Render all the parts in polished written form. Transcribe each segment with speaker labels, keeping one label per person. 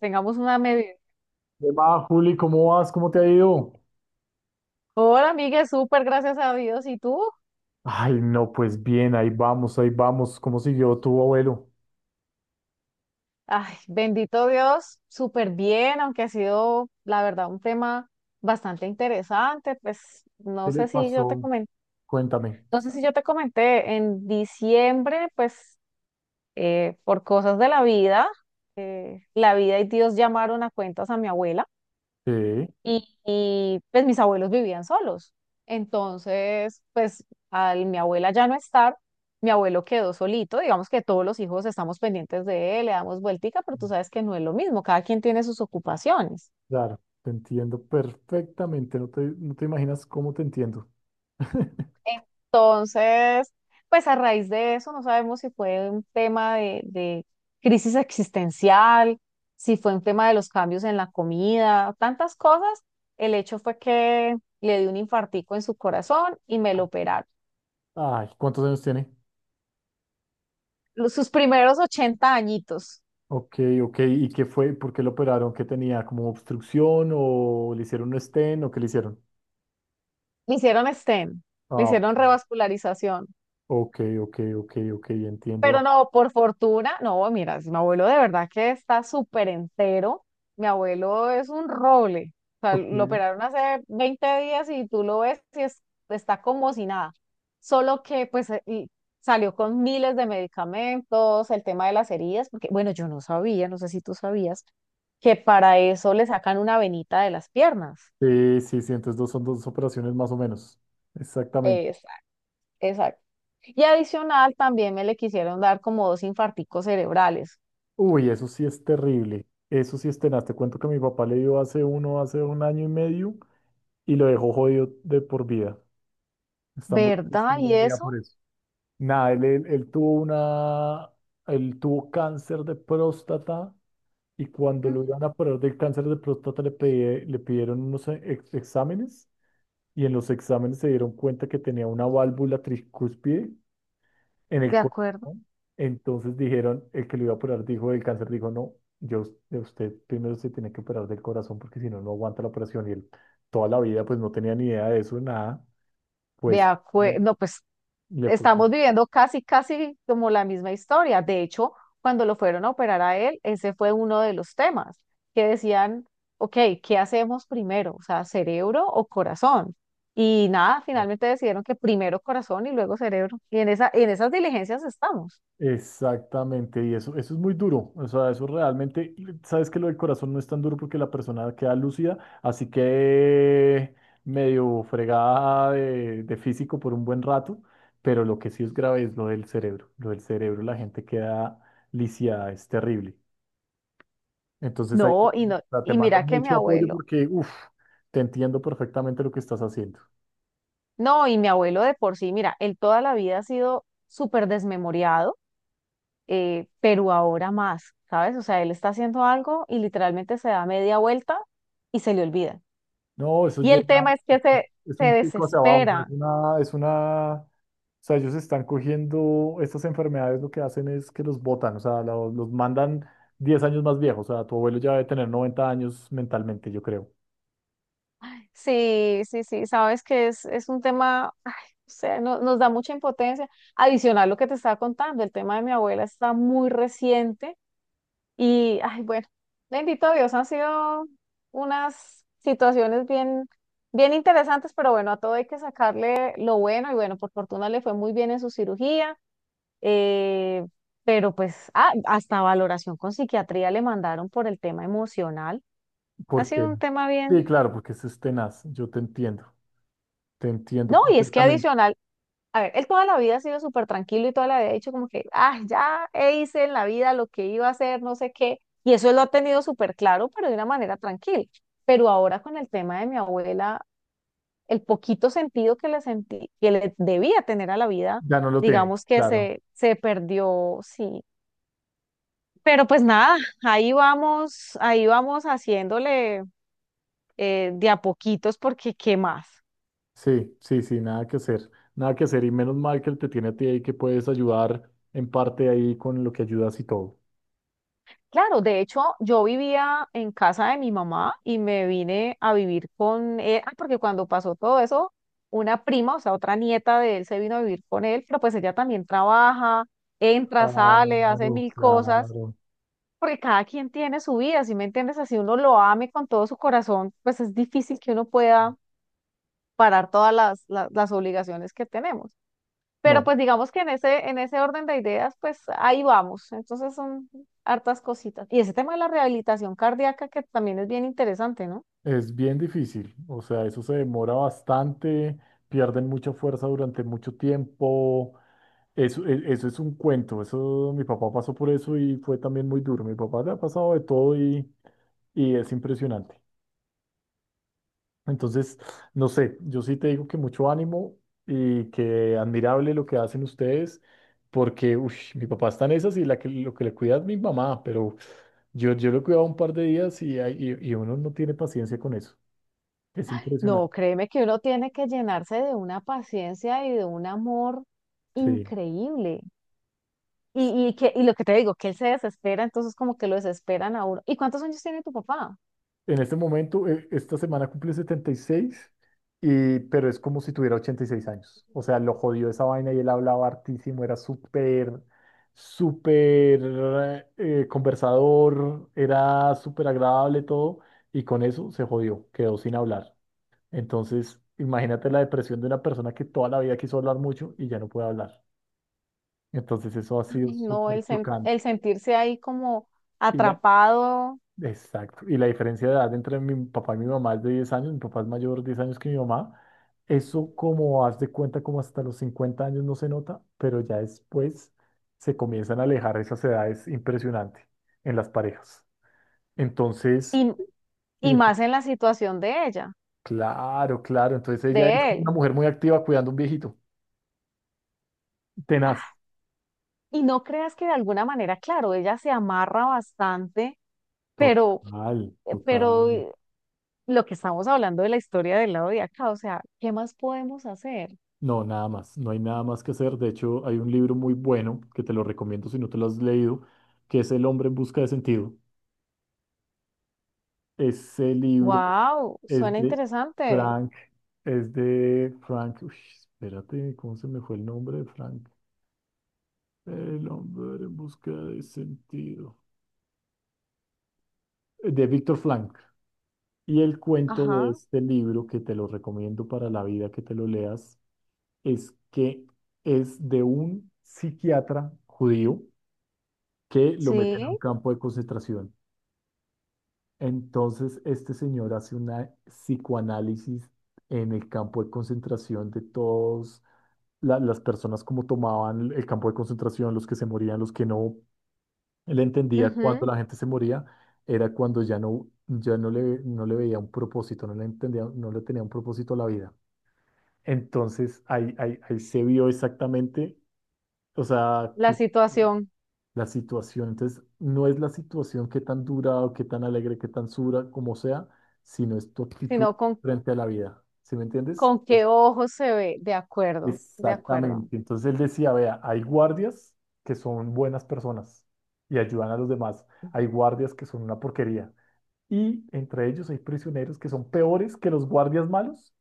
Speaker 1: Tengamos una medida.
Speaker 2: ¿Qué más, Juli? ¿Cómo vas? ¿Cómo te ha ido?
Speaker 1: Hola, amiga, súper gracias a Dios. ¿Y tú?
Speaker 2: Ay, no, pues bien, ahí vamos, ahí vamos. ¿Cómo siguió tu abuelo?
Speaker 1: Ay, bendito Dios, súper bien, aunque ha sido, la verdad, un tema bastante interesante.
Speaker 2: ¿Qué le pasó? Cuéntame.
Speaker 1: No sé si yo te comenté, en diciembre, pues por cosas de la vida y Dios llamaron a cuentas a mi abuela.
Speaker 2: Sí,
Speaker 1: Y pues mis abuelos vivían solos. Entonces, pues al mi abuela ya no estar, mi abuelo quedó solito. Digamos que todos los hijos estamos pendientes de él, le damos vueltica, pero tú sabes que no es lo mismo, cada quien tiene sus ocupaciones.
Speaker 2: claro, te entiendo perfectamente. No te imaginas cómo te entiendo.
Speaker 1: Entonces, pues a raíz de eso, no sabemos si fue un tema de crisis existencial, si fue un tema de los cambios en la comida, tantas cosas. El hecho fue que le dio un infartico en su corazón y me lo operaron.
Speaker 2: Ay, ¿cuántos años tiene?
Speaker 1: Sus primeros 80 añitos.
Speaker 2: Ok, ok. ¿Y qué fue? ¿Por qué lo operaron? ¿Qué tenía? ¿Como obstrucción o le hicieron un stent o qué le hicieron?
Speaker 1: Le hicieron stem, le
Speaker 2: Ah,
Speaker 1: hicieron revascularización.
Speaker 2: ok, ok, ok, ok, entiendo.
Speaker 1: Pero no, por fortuna, no, mira, mi abuelo de verdad que está súper entero. Mi abuelo es un roble. O sea,
Speaker 2: Ok.
Speaker 1: lo operaron hace 20 días y tú lo ves y está como si nada. Solo que pues y salió con miles de medicamentos, el tema de las heridas, porque bueno, yo no sabía, no sé si tú sabías, que para eso le sacan una venita de las piernas.
Speaker 2: Sí, sí, sí, entonces son dos operaciones más o menos. Exactamente.
Speaker 1: Exacto. Y adicional también me le quisieron dar como dos infarticos cerebrales.
Speaker 2: Uy, eso sí es terrible. Eso sí es tenaz. Te cuento que mi papá le dio hace un año y medio y lo dejó jodido de por vida. Está muy triste
Speaker 1: ¿Verdad?
Speaker 2: hoy
Speaker 1: ¿Y
Speaker 2: en día por
Speaker 1: eso?
Speaker 2: eso. Nada, él tuvo cáncer de próstata y cuando lo
Speaker 1: Ujú.
Speaker 2: iban a operar del cáncer de próstata le pidieron unos exámenes y en los exámenes se dieron cuenta que tenía una válvula tricúspide en
Speaker 1: De
Speaker 2: el
Speaker 1: acuerdo.
Speaker 2: corazón. Entonces dijeron, el que lo iba a operar dijo, el cáncer dijo, no, yo, de usted primero se tiene que operar del corazón porque si no, no aguanta la operación. Y él toda la vida pues no tenía ni idea de eso, nada.
Speaker 1: De
Speaker 2: Pues
Speaker 1: acuerdo. No, pues
Speaker 2: le puso.
Speaker 1: estamos viviendo casi, casi como la misma historia. De hecho, cuando lo fueron a operar a él, ese fue uno de los temas que decían, ok, ¿qué hacemos primero? O sea, ¿cerebro o corazón? Y nada, finalmente decidieron que primero corazón y luego cerebro. Y en esas diligencias estamos.
Speaker 2: Exactamente, y eso es muy duro, o sea, eso realmente, y sabes que lo del corazón no es tan duro porque la persona queda lúcida, así que medio fregada de físico por un buen rato, pero lo que sí es grave es lo del cerebro, la gente queda lisiada, es terrible. Entonces ahí te,
Speaker 1: No, y no,
Speaker 2: te
Speaker 1: y
Speaker 2: mando
Speaker 1: mira que mi
Speaker 2: mucho apoyo
Speaker 1: abuelo
Speaker 2: porque, uff, te entiendo perfectamente lo que estás haciendo.
Speaker 1: No, y mi abuelo de por sí, mira, él toda la vida ha sido súper desmemoriado, pero ahora más, ¿sabes? O sea, él está haciendo algo y literalmente se da media vuelta y se le olvida.
Speaker 2: No, eso
Speaker 1: Y el
Speaker 2: llega,
Speaker 1: tema es que se,
Speaker 2: es
Speaker 1: se
Speaker 2: un pico hacia abajo, o sea, es
Speaker 1: desespera.
Speaker 2: una, es una, o sea, ellos están cogiendo estas enfermedades, lo que hacen es que los botan, o sea, los mandan 10 años más viejos, o sea, tu abuelo ya debe tener 90 años mentalmente, yo creo.
Speaker 1: Sí, sí, sí, sabes que es un tema, ay, o sea, nos da mucha impotencia. Adicional lo que te estaba contando, el tema de mi abuela está muy reciente. Y, ay, bueno, bendito Dios, han sido unas situaciones bien, bien interesantes, pero bueno, a todo hay que sacarle lo bueno y bueno, por fortuna le fue muy bien en su cirugía, eh, pero pues hasta valoración con psiquiatría le mandaron por el tema emocional. Ha sido
Speaker 2: Porque,
Speaker 1: un tema
Speaker 2: sí,
Speaker 1: bien.
Speaker 2: claro, porque eso es tenaz, yo te entiendo
Speaker 1: No, y es que
Speaker 2: perfectamente.
Speaker 1: adicional, a ver, él toda la vida ha sido súper tranquilo y toda la vida ha dicho como que, ah, ya hice en la vida lo que iba a hacer, no sé qué. Y eso él lo ha tenido súper claro, pero de una manera tranquila. Pero ahora con el tema de mi abuela, el poquito sentido que le sentí, que le debía tener a la vida,
Speaker 2: Ya no lo tiene,
Speaker 1: digamos que
Speaker 2: claro.
Speaker 1: se perdió, sí. Pero pues nada, ahí vamos haciéndole, de a poquitos porque ¿qué más?
Speaker 2: Sí, sí, sí, nada que hacer, nada que hacer, y menos mal que él te tiene a ti ahí que puedes ayudar en parte ahí con lo que ayudas y todo.
Speaker 1: Claro, de hecho, yo vivía en casa de mi mamá y me vine a vivir con él, porque cuando pasó todo eso, una prima, o sea, otra nieta de él se vino a vivir con él, pero pues ella también trabaja, entra, sale, hace
Speaker 2: Claro,
Speaker 1: mil cosas,
Speaker 2: claro.
Speaker 1: porque cada quien tiene su vida, ¿sí me entiendes? Así uno lo ame con todo su corazón, pues es difícil que uno pueda parar todas las obligaciones que tenemos. Pero
Speaker 2: No,
Speaker 1: pues digamos que en ese orden de ideas, pues ahí vamos. Entonces son hartas cositas. Y ese tema de la rehabilitación cardíaca que también es bien interesante, ¿no?
Speaker 2: es bien difícil, o sea, eso se demora bastante, pierden mucha fuerza durante mucho tiempo, eso es un cuento, eso mi papá pasó por eso y fue también muy duro, mi papá le ha pasado de todo y es impresionante. Entonces, no sé, yo sí te digo que mucho ánimo y que admirable lo que hacen ustedes, porque ush, mi papá está en esas y la que, lo que le cuida es mi mamá, pero yo lo he cuidado un par de días y, y uno no tiene paciencia con eso, es
Speaker 1: No,
Speaker 2: impresionante.
Speaker 1: créeme que uno tiene que llenarse de una paciencia y de un amor
Speaker 2: Sí.
Speaker 1: increíble. Y lo que te digo, que él se desespera, entonces como que lo desesperan a uno. ¿Y cuántos años tiene tu papá?
Speaker 2: En este momento, esta semana cumple setenta y seis y pero es como si tuviera 86 años. O sea, lo jodió esa vaina y él hablaba hartísimo, era súper, súper conversador, era súper agradable todo, y con eso se jodió, quedó sin hablar. Entonces, imagínate la depresión de una persona que toda la vida quiso hablar mucho y ya no puede hablar. Entonces, eso ha sido
Speaker 1: Ay, no,
Speaker 2: súper chocante.
Speaker 1: el sentirse ahí como atrapado
Speaker 2: Exacto. Y la diferencia de edad entre mi papá y mi mamá es de 10 años. Mi papá es mayor 10 años que mi mamá. Eso como haz de cuenta, como hasta los 50 años no se nota, pero ya después se comienzan a alejar esas edades impresionante en las parejas. Entonces,
Speaker 1: y,
Speaker 2: y
Speaker 1: y más
Speaker 2: ento-
Speaker 1: en la situación de ella,
Speaker 2: claro, claro. Entonces ella es
Speaker 1: de
Speaker 2: como una
Speaker 1: él.
Speaker 2: mujer muy activa cuidando a un viejito. Tenaz.
Speaker 1: Y no creas que de alguna manera, claro, ella se amarra bastante, pero,
Speaker 2: Total,
Speaker 1: eh, pero
Speaker 2: total.
Speaker 1: eh, lo que estamos hablando de la historia del lado de acá, o sea, ¿qué más podemos hacer?
Speaker 2: No, nada más, no hay nada más que hacer. De hecho, hay un libro muy bueno que te lo recomiendo si no te lo has leído, que es El hombre en busca de sentido. Ese libro
Speaker 1: Wow,
Speaker 2: es
Speaker 1: suena
Speaker 2: de
Speaker 1: interesante.
Speaker 2: Frank, es de Frank, uy, espérate, ¿cómo se me fue el nombre de Frank? El hombre en busca de sentido. De Víctor Frank. Y el cuento de
Speaker 1: Ajá,
Speaker 2: este libro, que te lo recomiendo para la vida que te lo leas, es que es de un psiquiatra judío que lo meten
Speaker 1: sí,
Speaker 2: a un campo de concentración. Entonces, este señor hace una psicoanálisis en el campo de concentración de todos las personas como tomaban el campo de concentración, los que se morían, los que no. Él entendía cuando
Speaker 1: ujú,
Speaker 2: la gente se moría, era cuando ya no le, no le veía un propósito, no le entendía, no le tenía un propósito a la vida. Entonces, ahí se vio exactamente, o sea,
Speaker 1: la
Speaker 2: que
Speaker 1: situación,
Speaker 2: la situación. Entonces, no es la situación qué tan dura o qué tan alegre, qué tan sura, como sea, sino es tu actitud
Speaker 1: sino con,
Speaker 2: frente a la vida. ¿Sí me entiendes?
Speaker 1: qué
Speaker 2: Entonces,
Speaker 1: ojos se ve. De acuerdo, de acuerdo,
Speaker 2: exactamente. Entonces él decía, vea, hay guardias que son buenas personas y ayudan a los demás. Hay guardias que son una porquería. Y entre ellos hay prisioneros que son peores que los guardias malos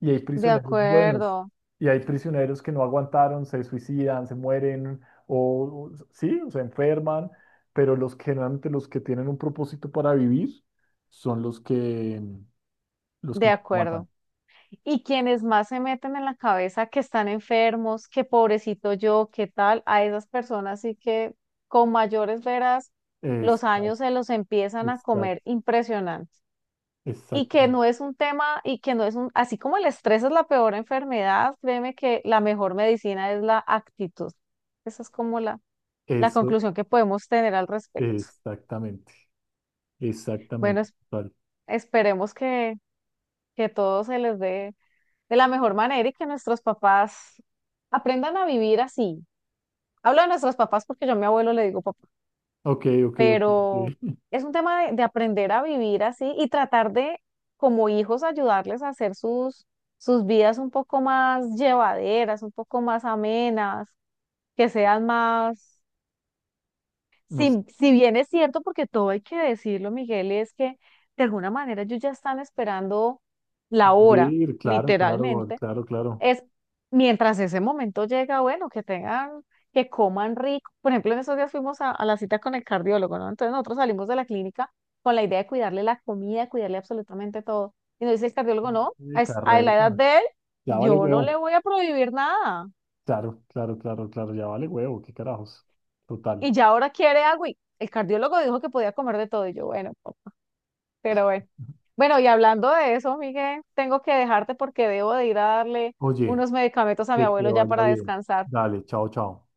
Speaker 2: y hay
Speaker 1: de
Speaker 2: prisioneros buenos,
Speaker 1: acuerdo,
Speaker 2: y hay prisioneros que no aguantaron, se suicidan, se mueren, sí, o se enferman, pero los que generalmente los que tienen un propósito para vivir son los que
Speaker 1: de
Speaker 2: más
Speaker 1: acuerdo.
Speaker 2: aguantan.
Speaker 1: Y quienes más se meten en la cabeza que están enfermos, que pobrecito yo, qué tal, a esas personas sí que con mayores veras los
Speaker 2: Exacto,
Speaker 1: años se los empiezan a
Speaker 2: exacto,
Speaker 1: comer impresionante.
Speaker 2: exacto.
Speaker 1: Y que no es un, así como el estrés es la peor enfermedad, créeme que la mejor medicina es la actitud. Esa es como la
Speaker 2: Eso,
Speaker 1: conclusión que podemos tener al respecto.
Speaker 2: exactamente,
Speaker 1: Bueno,
Speaker 2: exactamente. Total.
Speaker 1: esperemos que, todo se les dé de la mejor manera y que nuestros papás aprendan a vivir así. Hablo de nuestros papás porque yo a mi abuelo le digo papá,
Speaker 2: Ok, ok, ok.
Speaker 1: pero
Speaker 2: Ok.
Speaker 1: es un tema de aprender a vivir así y tratar de, como hijos, ayudarles a hacer sus, sus vidas un poco más llevaderas, un poco más amenas, que sean más...
Speaker 2: Nos,
Speaker 1: Si, si bien es cierto, porque todo hay que decirlo, Miguel, es que de alguna manera ellos ya están esperando la hora,
Speaker 2: abrir claro, claro,
Speaker 1: literalmente
Speaker 2: claro, claro.
Speaker 1: es mientras ese momento llega. Bueno, que tengan, que coman rico. Por ejemplo, en esos días fuimos a la cita con el cardiólogo, ¿no? Entonces nosotros salimos de la clínica con la idea de cuidarle la comida, cuidarle absolutamente todo. Y nos dice el cardiólogo, no, a la edad
Speaker 2: Carreta,
Speaker 1: de él,
Speaker 2: ya vale
Speaker 1: yo no le
Speaker 2: huevo.
Speaker 1: voy a prohibir nada.
Speaker 2: Claro, claro, claro, claro, ya vale huevo, qué carajos. Total.
Speaker 1: Y ya ahora quiere agua. Y el cardiólogo dijo que podía comer de todo. Y yo, bueno, pero bueno. Bueno, y hablando de eso, Miguel, tengo que dejarte porque debo de ir a darle
Speaker 2: Oye,
Speaker 1: unos medicamentos a mi
Speaker 2: que te
Speaker 1: abuelo ya
Speaker 2: vaya
Speaker 1: para
Speaker 2: bien.
Speaker 1: descansar.
Speaker 2: Dale, chao, chao.